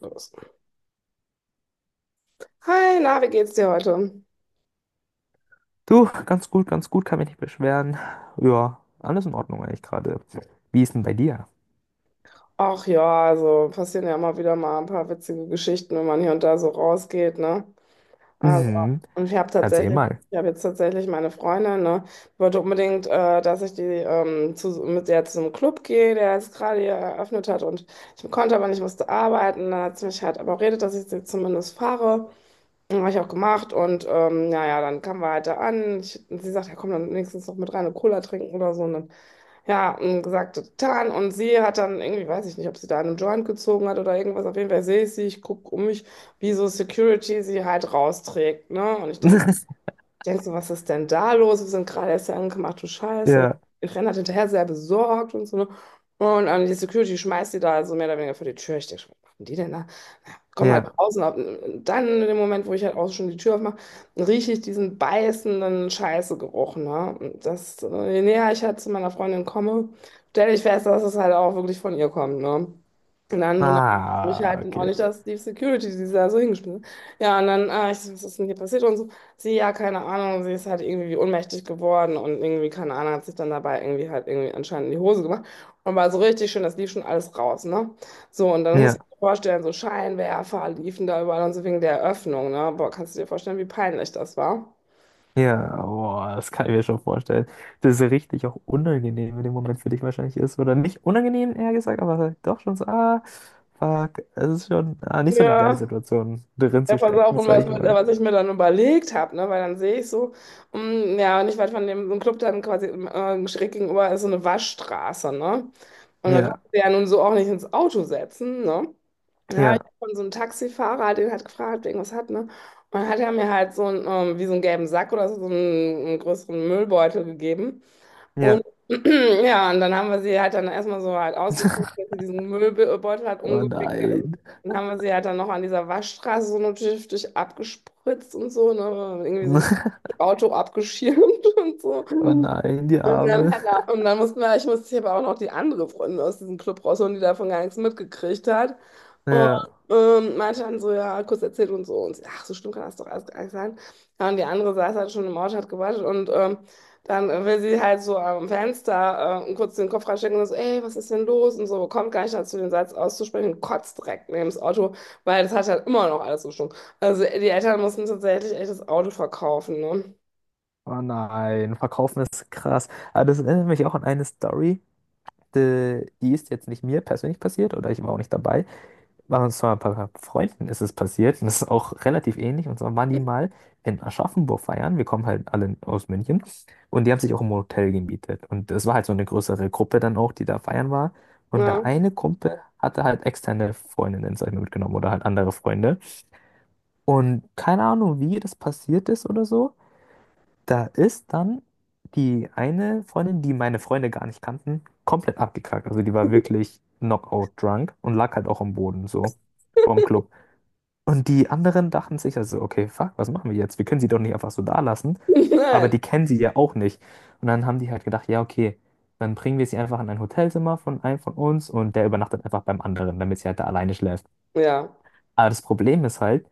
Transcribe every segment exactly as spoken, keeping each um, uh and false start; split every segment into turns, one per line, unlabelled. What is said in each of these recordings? Los. Hi, na, wie geht's dir heute?
Du, ganz gut, ganz gut, kann mich nicht beschweren. Ja, alles in Ordnung eigentlich gerade. Wie ist denn bei dir?
Ach ja, also passieren ja immer wieder mal ein paar witzige Geschichten, wenn man hier und da so rausgeht, ne? Also,
Mhm,
und ich habe
erzähl
tatsächlich,
mal.
ich habe jetzt tatsächlich meine Freundin, ne? Die wollte unbedingt, äh, dass ich die ähm, zu, mit der zum Club gehe, der jetzt gerade hier eröffnet hat, und ich konnte aber nicht, musste arbeiten. Dann hat sie mich halt aber redet, dass ich sie zumindest fahre. Habe ich auch gemacht, und ähm, ja, ja, dann kamen wir halt da an. Ich, und sie sagt, ja komm, dann wenigstens noch mit rein eine Cola trinken oder so. Ne? Ja, und gesagt, getan. Und sie hat dann irgendwie, weiß ich nicht, ob sie da einen Joint gezogen hat oder irgendwas. Auf jeden Fall sehe ich sie, ich gucke um mich, wie so Security sie halt rausträgt. Ne? Und ich denke, denkst du, was ist denn da los? Wir sind gerade erst hier angekommen, ach du Scheiße.
Ja,
Ich renne halt hinterher, sehr besorgt und so. Ne? Und ähm, die Security schmeißt die da also mehr oder weniger vor die Tür. Ich denke, was machen die denn da? Na, komm halt
ja.
draußen. Auf, dann in dem Moment, wo ich halt auch schon die Tür aufmache, rieche ich diesen beißenden Scheißegeruch. Ne? Und das, äh, je näher ich halt zu meiner Freundin komme, stelle ich fest, dass es halt auch wirklich von ihr kommt. Ne? Und dann wundert mich
Ah,
halt auch
okay.
nicht, dass die Security, die da so hingeschmissen hat. Ja, und dann, ah, ich, so, was ist denn hier passiert und so. Sie, ja, keine Ahnung, sie ist halt irgendwie ohnmächtig geworden und irgendwie, keine Ahnung, hat sich dann dabei irgendwie halt irgendwie anscheinend in die Hose gemacht und war so richtig schön, das lief schon alles raus, ne? So, und dann musst
Ja,
du dir vorstellen, so Scheinwerfer liefen da überall und so wegen der Eröffnung, ne? Boah, kannst du dir vorstellen, wie peinlich das war?
ja, boah, das kann ich mir schon vorstellen. Das ist richtig auch unangenehm in dem Moment für dich wahrscheinlich ist. Oder nicht unangenehm, eher gesagt, aber halt doch schon so, ah, fuck, es ist schon ah, nicht so eine geile
Ja,
Situation, drin
ja,
zu
pass auf,
stecken,
und
sag
was,
ich
mit,
mal.
was ich mir dann überlegt habe, ne? Weil dann sehe ich so, mm, ja, nicht weit von dem so einem Club dann quasi äh, schräg gegenüber ist so eine Waschstraße, ne? Und da
Ja,
kannst du ja nun so auch nicht ins Auto setzen, ne? Ja,
ja,
ich hab von so einem Taxifahrer, den hat gefragt, wegen was hat, ne? Und dann hat er mir halt so einen, ähm, wie so einen gelben Sack oder so, so einen, einen größeren Müllbeutel gegeben. Und
ja.
ja, und dann haben wir sie halt dann erstmal so halt ausgeguckt, dass sie diesen Müllbeutel hat
Oh
umgewickelt. Und
nein.
dann haben wir sie halt dann noch an dieser Waschstraße so notdürftig abgespritzt und so, ne? Irgendwie so mit Auto abgeschirmt und so.
Oh nein, die
Und dann,
Arme.
Hannah, und dann mussten wir, ich musste hier aber auch noch die andere Freundin aus diesem Club rausholen, die davon gar nichts mitgekriegt hat. Und
Ja.
ähm, meinte dann so, ja, kurz erzählt und so. Und sie, ach, so schlimm kann das doch alles gar nicht sein. Ja, und die andere saß halt schon im Auto, hat gewartet. Und ähm, dann will sie halt so am Fenster äh, kurz den Kopf reinstecken und so, ey, was ist denn los? Und so, kommt gar nicht dazu, den Satz auszusprechen und kotzt direkt neben das Auto, weil das hat halt immer noch alles gestunken. Also die Eltern mussten tatsächlich echt das Auto verkaufen, ne?
Oh nein, verkaufen ist krass. Aber das erinnert mich auch an eine Story, die, die ist jetzt nicht mir persönlich passiert oder ich war auch nicht dabei. War uns zwar ein paar Freunden ist es passiert und das ist auch relativ ähnlich. Und zwar waren die mal in Aschaffenburg feiern. Wir kommen halt alle aus München und die haben sich auch im Hotel gemietet. Und es war halt so eine größere Gruppe dann auch, die da feiern war. Und der
Ja.
eine Kumpel hatte halt externe Freundinnen, sag ich mal, mitgenommen oder halt andere Freunde. Und keine Ahnung, wie das passiert ist oder so. Da ist dann die eine Freundin, die meine Freunde gar nicht kannten, komplett abgekackt. Also die war wirklich knockout drunk und lag halt auch am Boden so vorm Club. Und die anderen dachten sich also, okay, fuck, was machen wir jetzt? Wir können sie doch nicht einfach so da lassen. Aber
Nein.
die kennen sie ja auch nicht. Und dann haben die halt gedacht, ja, okay, dann bringen wir sie einfach in ein Hotelzimmer von einem von uns und der übernachtet einfach beim anderen, damit sie halt da alleine schläft.
Ja.
Aber das Problem ist halt,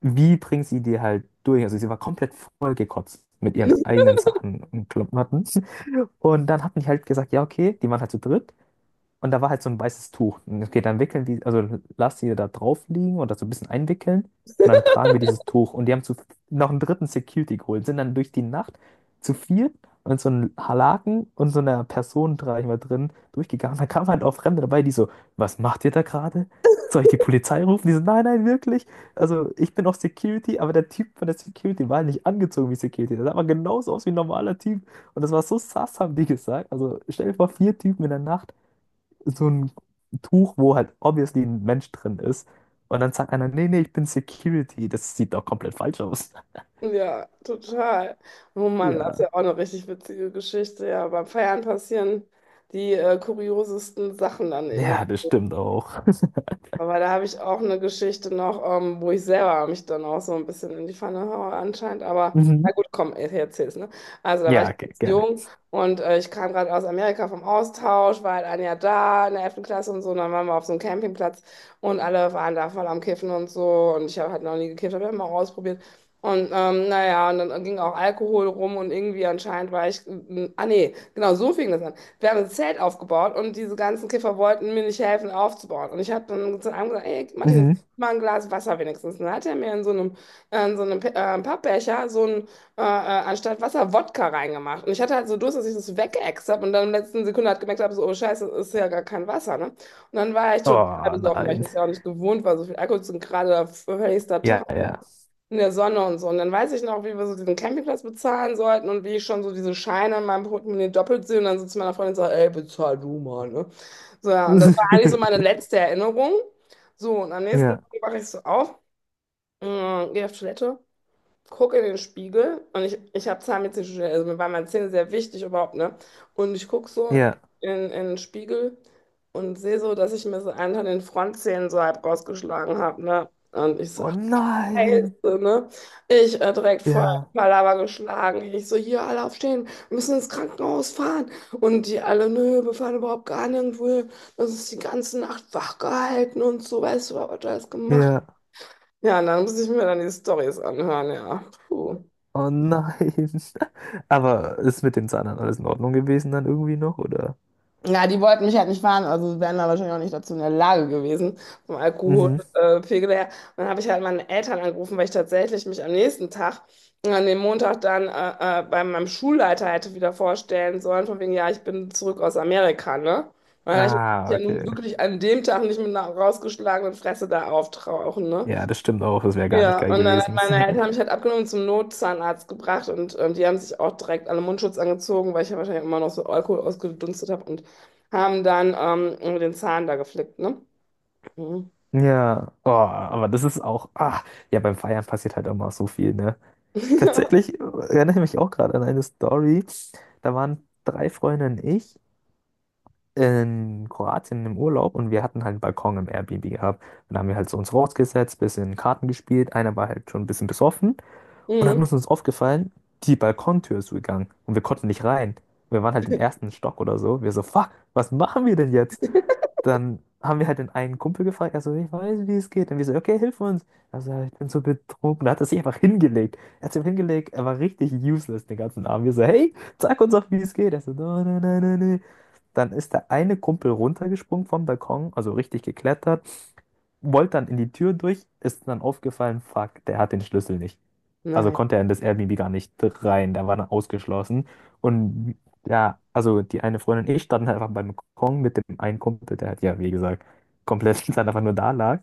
wie bringt sie die halt durch? Also sie war komplett vollgekotzt mit ihren eigenen Sachen und Klamotten. Und dann hat mich halt gesagt, ja, okay, die waren halt zu dritt. Und da war halt so ein weißes Tuch. Und okay, dann wickeln die, also lass die da drauf liegen oder so ein bisschen einwickeln. Und dann tragen wir dieses Tuch. Und die haben zu, noch einen dritten Security geholt, sind dann durch die Nacht zu viert und so einem Halaken und so einer Person, sag ich mal, drin durchgegangen. Da kamen halt auch Fremde dabei, die so, was macht ihr da gerade? Soll ich die Polizei rufen? Die so, nein, nein, wirklich. Also ich bin auch Security, aber der Typ von der Security war halt nicht angezogen wie Security. Der sah aber genauso aus wie ein normaler Typ. Und das war so sass, haben die gesagt. Also stell dir vor, vier Typen in der Nacht so ein Tuch, wo halt obviously ein Mensch drin ist. Und dann sagt einer, nee, nee, ich bin Security. Das sieht doch komplett falsch aus.
Ja, total. Oh Mann, das ist
Ja.
ja auch eine richtig witzige Geschichte. Ja, beim Feiern passieren die äh, kuriosesten Sachen dann
Ja,
irgendwie.
das stimmt auch.
Aber da habe ich auch eine Geschichte noch, ähm, wo ich selber mich dann auch so ein bisschen in die Pfanne haue anscheinend. Aber na
Mhm.
gut, komm, ich erzähl's, ne? Also da war ich
Ja, ge-
ganz
gerne.
jung, und äh, ich kam gerade aus Amerika vom Austausch, war halt ein Jahr da in der elften Klasse und so. Und dann waren wir auf so einem Campingplatz und alle waren da voll am Kiffen und so. Und ich habe halt noch nie gekifft, habe immer ausprobiert. Und ähm, naja, und dann ging auch Alkohol rum und irgendwie anscheinend war ich, ah nee, genau, so fing das an. Wir haben ein Zelt aufgebaut und diese ganzen Kiffer wollten mir nicht helfen aufzubauen. Und ich habe dann zu einem gesagt, ey, Martin, jetzt
Mhm.
gib mal ein Glas Wasser wenigstens. Und dann hat er mir in so einem, äh, in so einem Pe- äh, Pappbecher so ein, äh, äh, anstatt Wasser Wodka reingemacht. Und ich hatte halt so Durst, dass ich das weggeäxt habe und dann in der letzten Sekunde hat gemerkt habe, so, oh Scheiße, das ist ja gar kein Wasser, ne? Und dann war ich total
Oh
besoffen, weil ich
nein.
das ja auch nicht gewohnt war, so viel Alkohol zu gerade höchster Tag
Ja, ja.
in der Sonne und so. Und dann weiß ich noch, wie wir so diesen Campingplatz bezahlen sollten und wie ich schon so diese Scheine in meinem Portemonnaie doppelt sehe und dann so zu meiner Freundin sage, ey, bezahl du mal, ne? So, ja, und das war eigentlich so meine letzte Erinnerung. So, und am nächsten Tag
Ja,
wache ich so auf, äh, gehe auf Toilette, gucke in den Spiegel, und ich, ich habe Zahnmedizin studiert, also mir waren meine Zähne sehr wichtig überhaupt, ne? Und ich gucke so
ja.
in, in den Spiegel und sehe so, dass ich mir so einen von den Frontzähnen so halb rausgeschlagen habe, ne? Und ich so,
Oh nein.
Geilste, ne? Ich äh, direkt voll
Ja,
Palaver geschlagen. Ich so, hier alle aufstehen, wir müssen ins Krankenhaus fahren. Und die alle, nö, wir fahren überhaupt gar nirgendwo hin. Das ist die ganze Nacht wach gehalten und so, weißt du, was wir alles gemacht.
ja.
Ja, und dann muss ich mir dann die Storys anhören, ja. Puh.
Oh nein. Aber ist mit den Zahnern alles in Ordnung gewesen dann irgendwie noch, oder?
Ja, die wollten mich halt nicht fahren, also wären da wahrscheinlich auch nicht dazu in der Lage gewesen, vom
Mhm.
Alkoholpegel her. Und dann habe ich halt meine Eltern angerufen, weil ich tatsächlich mich am nächsten Tag, äh, an dem Montag dann äh, äh, bei meinem Schulleiter hätte wieder vorstellen sollen, von wegen, ja, ich bin zurück aus Amerika, ne? Weil ich mich
Ah,
ja nun
okay.
wirklich an dem Tag nicht mit einer rausgeschlagenen Fresse da auftauchen, ne?
Ja, das stimmt auch. Das wäre gar nicht
Ja,
geil
und dann hat
gewesen.
meine Eltern haben mich halt abgenommen und zum Notzahnarzt gebracht, und ähm, die haben sich auch direkt alle Mundschutz angezogen, weil ich ja wahrscheinlich immer noch so Alkohol ausgedunstet habe, und haben dann ähm, den Zahn da geflickt, ne? Mhm.
Ja, oh, aber das ist auch, ah, ja, beim Feiern passiert halt auch mal so viel, ne? Tatsächlich äh, erinnere ich mich auch gerade an eine Story. Da waren drei Freunde und ich in Kroatien im Urlaub und wir hatten halt einen Balkon im Airbnb gehabt. Und da haben wir halt so uns rausgesetzt, bisschen Karten gespielt. Einer war halt schon ein bisschen besoffen und dann
Mhm.
ist uns aufgefallen, die Balkontür ist gegangen und wir konnten nicht rein. Wir waren halt im ersten Stock oder so. Wir so, fuck, was machen wir denn jetzt? Dann haben wir halt den einen Kumpel gefragt, also ich weiß, wie es geht. Und wir so, okay, hilf uns. Also, ich bin so betrunken. Da hat er sich einfach hingelegt. Er hat sich einfach hingelegt, er war richtig useless den ganzen Abend. Wir so, hey, sag uns doch, wie es geht. Er so, no, no, no, no, no. Dann ist der eine Kumpel runtergesprungen vom Balkon, also richtig geklettert, wollte dann in die Tür durch, ist dann aufgefallen, fuck, der hat den Schlüssel nicht, also
Nein.
konnte er in das Airbnb gar nicht rein, da war er ausgeschlossen. Und ja, also die eine Freundin und ich standen halt einfach beim Balkon mit dem einen Kumpel, der halt, ja, wie gesagt, komplett dann einfach nur da lag,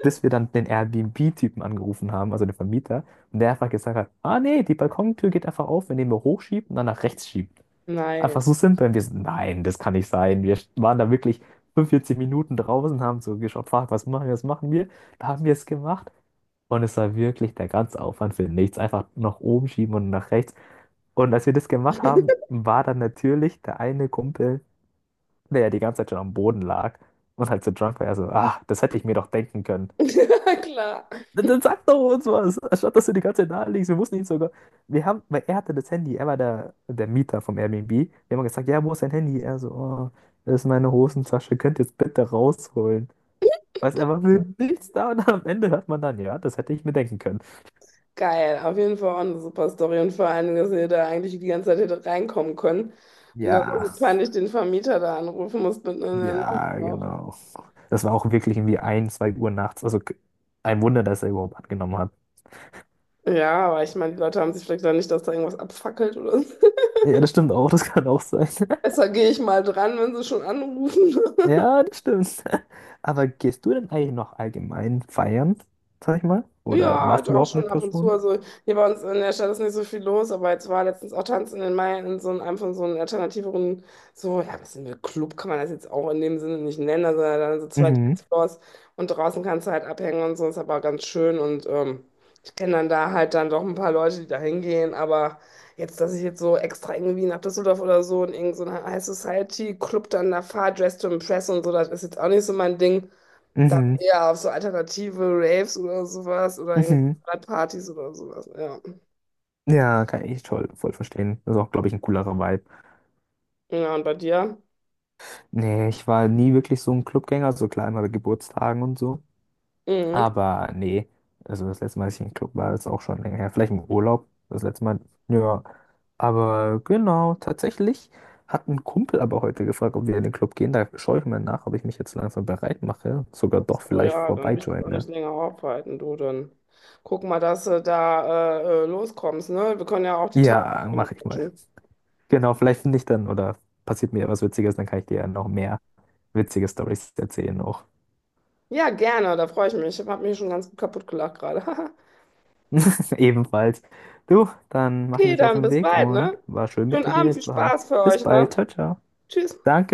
bis wir dann den Airbnb-Typen angerufen haben, also den Vermieter, und der einfach gesagt hat, ah nee, die Balkontür geht einfach auf, wenn ihr mir hochschiebt und dann nach rechts schiebt. Einfach
Nein.
so simpel. Und wir so, nein, das kann nicht sein. Wir waren da wirklich fünfundvierzig Minuten draußen, haben so geschaut, fuck, was machen wir, was machen wir? Da haben wir es gemacht. Und es war wirklich der ganze Aufwand für nichts. Einfach nach oben schieben und nach rechts. Und als wir das gemacht haben, war dann natürlich der eine Kumpel, der ja die ganze Zeit schon am Boden lag und halt so drunk war, er so, ah, das hätte ich mir doch denken können.
Ja, klar.
Dann, dann sag doch uns was, anstatt dass du die ganze Zeit da liegst. Wir mussten ihn sogar. Wir haben, weil er hatte das Handy, er war der, der Mieter vom Airbnb. Wir haben ihm gesagt, ja, wo ist dein Handy? Er so, oh, das ist meine Hosentasche, könnt ihr es bitte rausholen. Weißt du, er war für nichts da und am Ende hört man dann, ja, das hätte ich mir denken können.
Geil. Auf jeden Fall auch eine super Story. Und vor allen Dingen, dass ihr da eigentlich die ganze Zeit hätte reinkommen können. Und dann
Ja.
so peinlich den Vermieter da anrufen musste mitten in der Nacht
Ja,
auch.
genau. Das war auch wirklich irgendwie ein, zwei Uhr nachts. Also k- ein Wunder, dass er überhaupt angenommen hat.
Ja, aber ich meine, die Leute haben sich vielleicht dann nicht, dass da irgendwas abfackelt oder so.
Ja, das stimmt auch, das kann auch sein.
Besser gehe ich mal dran, wenn sie schon anrufen.
Ja, das stimmt. Aber gehst du denn eigentlich noch allgemein feiern, sag ich mal? Oder
Ja,
warst du
doch
überhaupt eine
schon ab und zu.
Person?
Also hier bei uns in der Stadt ist nicht so viel los, aber jetzt war letztens auch Tanz in den Mai in so einem, einem von so einem alternativeren, so, ja, was ist denn, Club kann man das jetzt auch in dem Sinne nicht nennen, also dann so zwei
Mhm,
Dancefloors und draußen kannst du halt abhängen und so, ist aber ganz schön, und ähm, ich kenne dann da halt dann doch ein paar Leute, die da hingehen, aber jetzt, dass ich jetzt so extra irgendwie nach Düsseldorf oder so in irgendeinen High Society Club dann da fahre, Dress to Impress und so, das ist jetzt auch nicht so mein Ding. Dann
mhm,
eher auf so alternative Raves oder sowas oder in
mhm.
Partys oder sowas, ja.
Ja, kann ich toll, voll verstehen. Das ist auch, glaube ich, ein coolerer Vibe.
Ja, und bei dir?
Nee, ich war nie wirklich so ein Clubgänger, so klar immer bei Geburtstagen und so.
Mhm.
Aber nee, also das letzte Mal, dass ich im Club war, ist auch schon länger her. Vielleicht im Urlaub, das letzte Mal. Ja, aber genau, tatsächlich hat ein Kumpel aber heute gefragt, ob wir in den Club gehen. Da schaue ich mal nach, ob ich mich jetzt langsam bereit mache. Sogar
Ach
doch
so,
vielleicht
ja, dann will ich dich auch
vorbeijoine.
nicht länger aufhalten, du. Dann guck mal, dass du da äh, äh, loskommst, ne? Wir können ja auch die Tage
Ja,
nochmal
mache ich mal.
quatschen.
Genau, vielleicht finde ich dann oder passiert mir was Witziges, dann kann ich dir ja noch mehr witzige Stories erzählen auch.
Ja, gerne, da freue ich mich. Ich habe mich schon ganz gut kaputt gelacht gerade.
Ebenfalls. Du, dann mache ich
Okay,
mich auf
dann
den
bis
Weg
bald,
und
ne?
war schön mit
Schönen
dir
Abend, viel
geredet zu haben.
Spaß für
Bis
euch,
bald.
ne?
Ciao, ciao.
Tschüss.
Danke.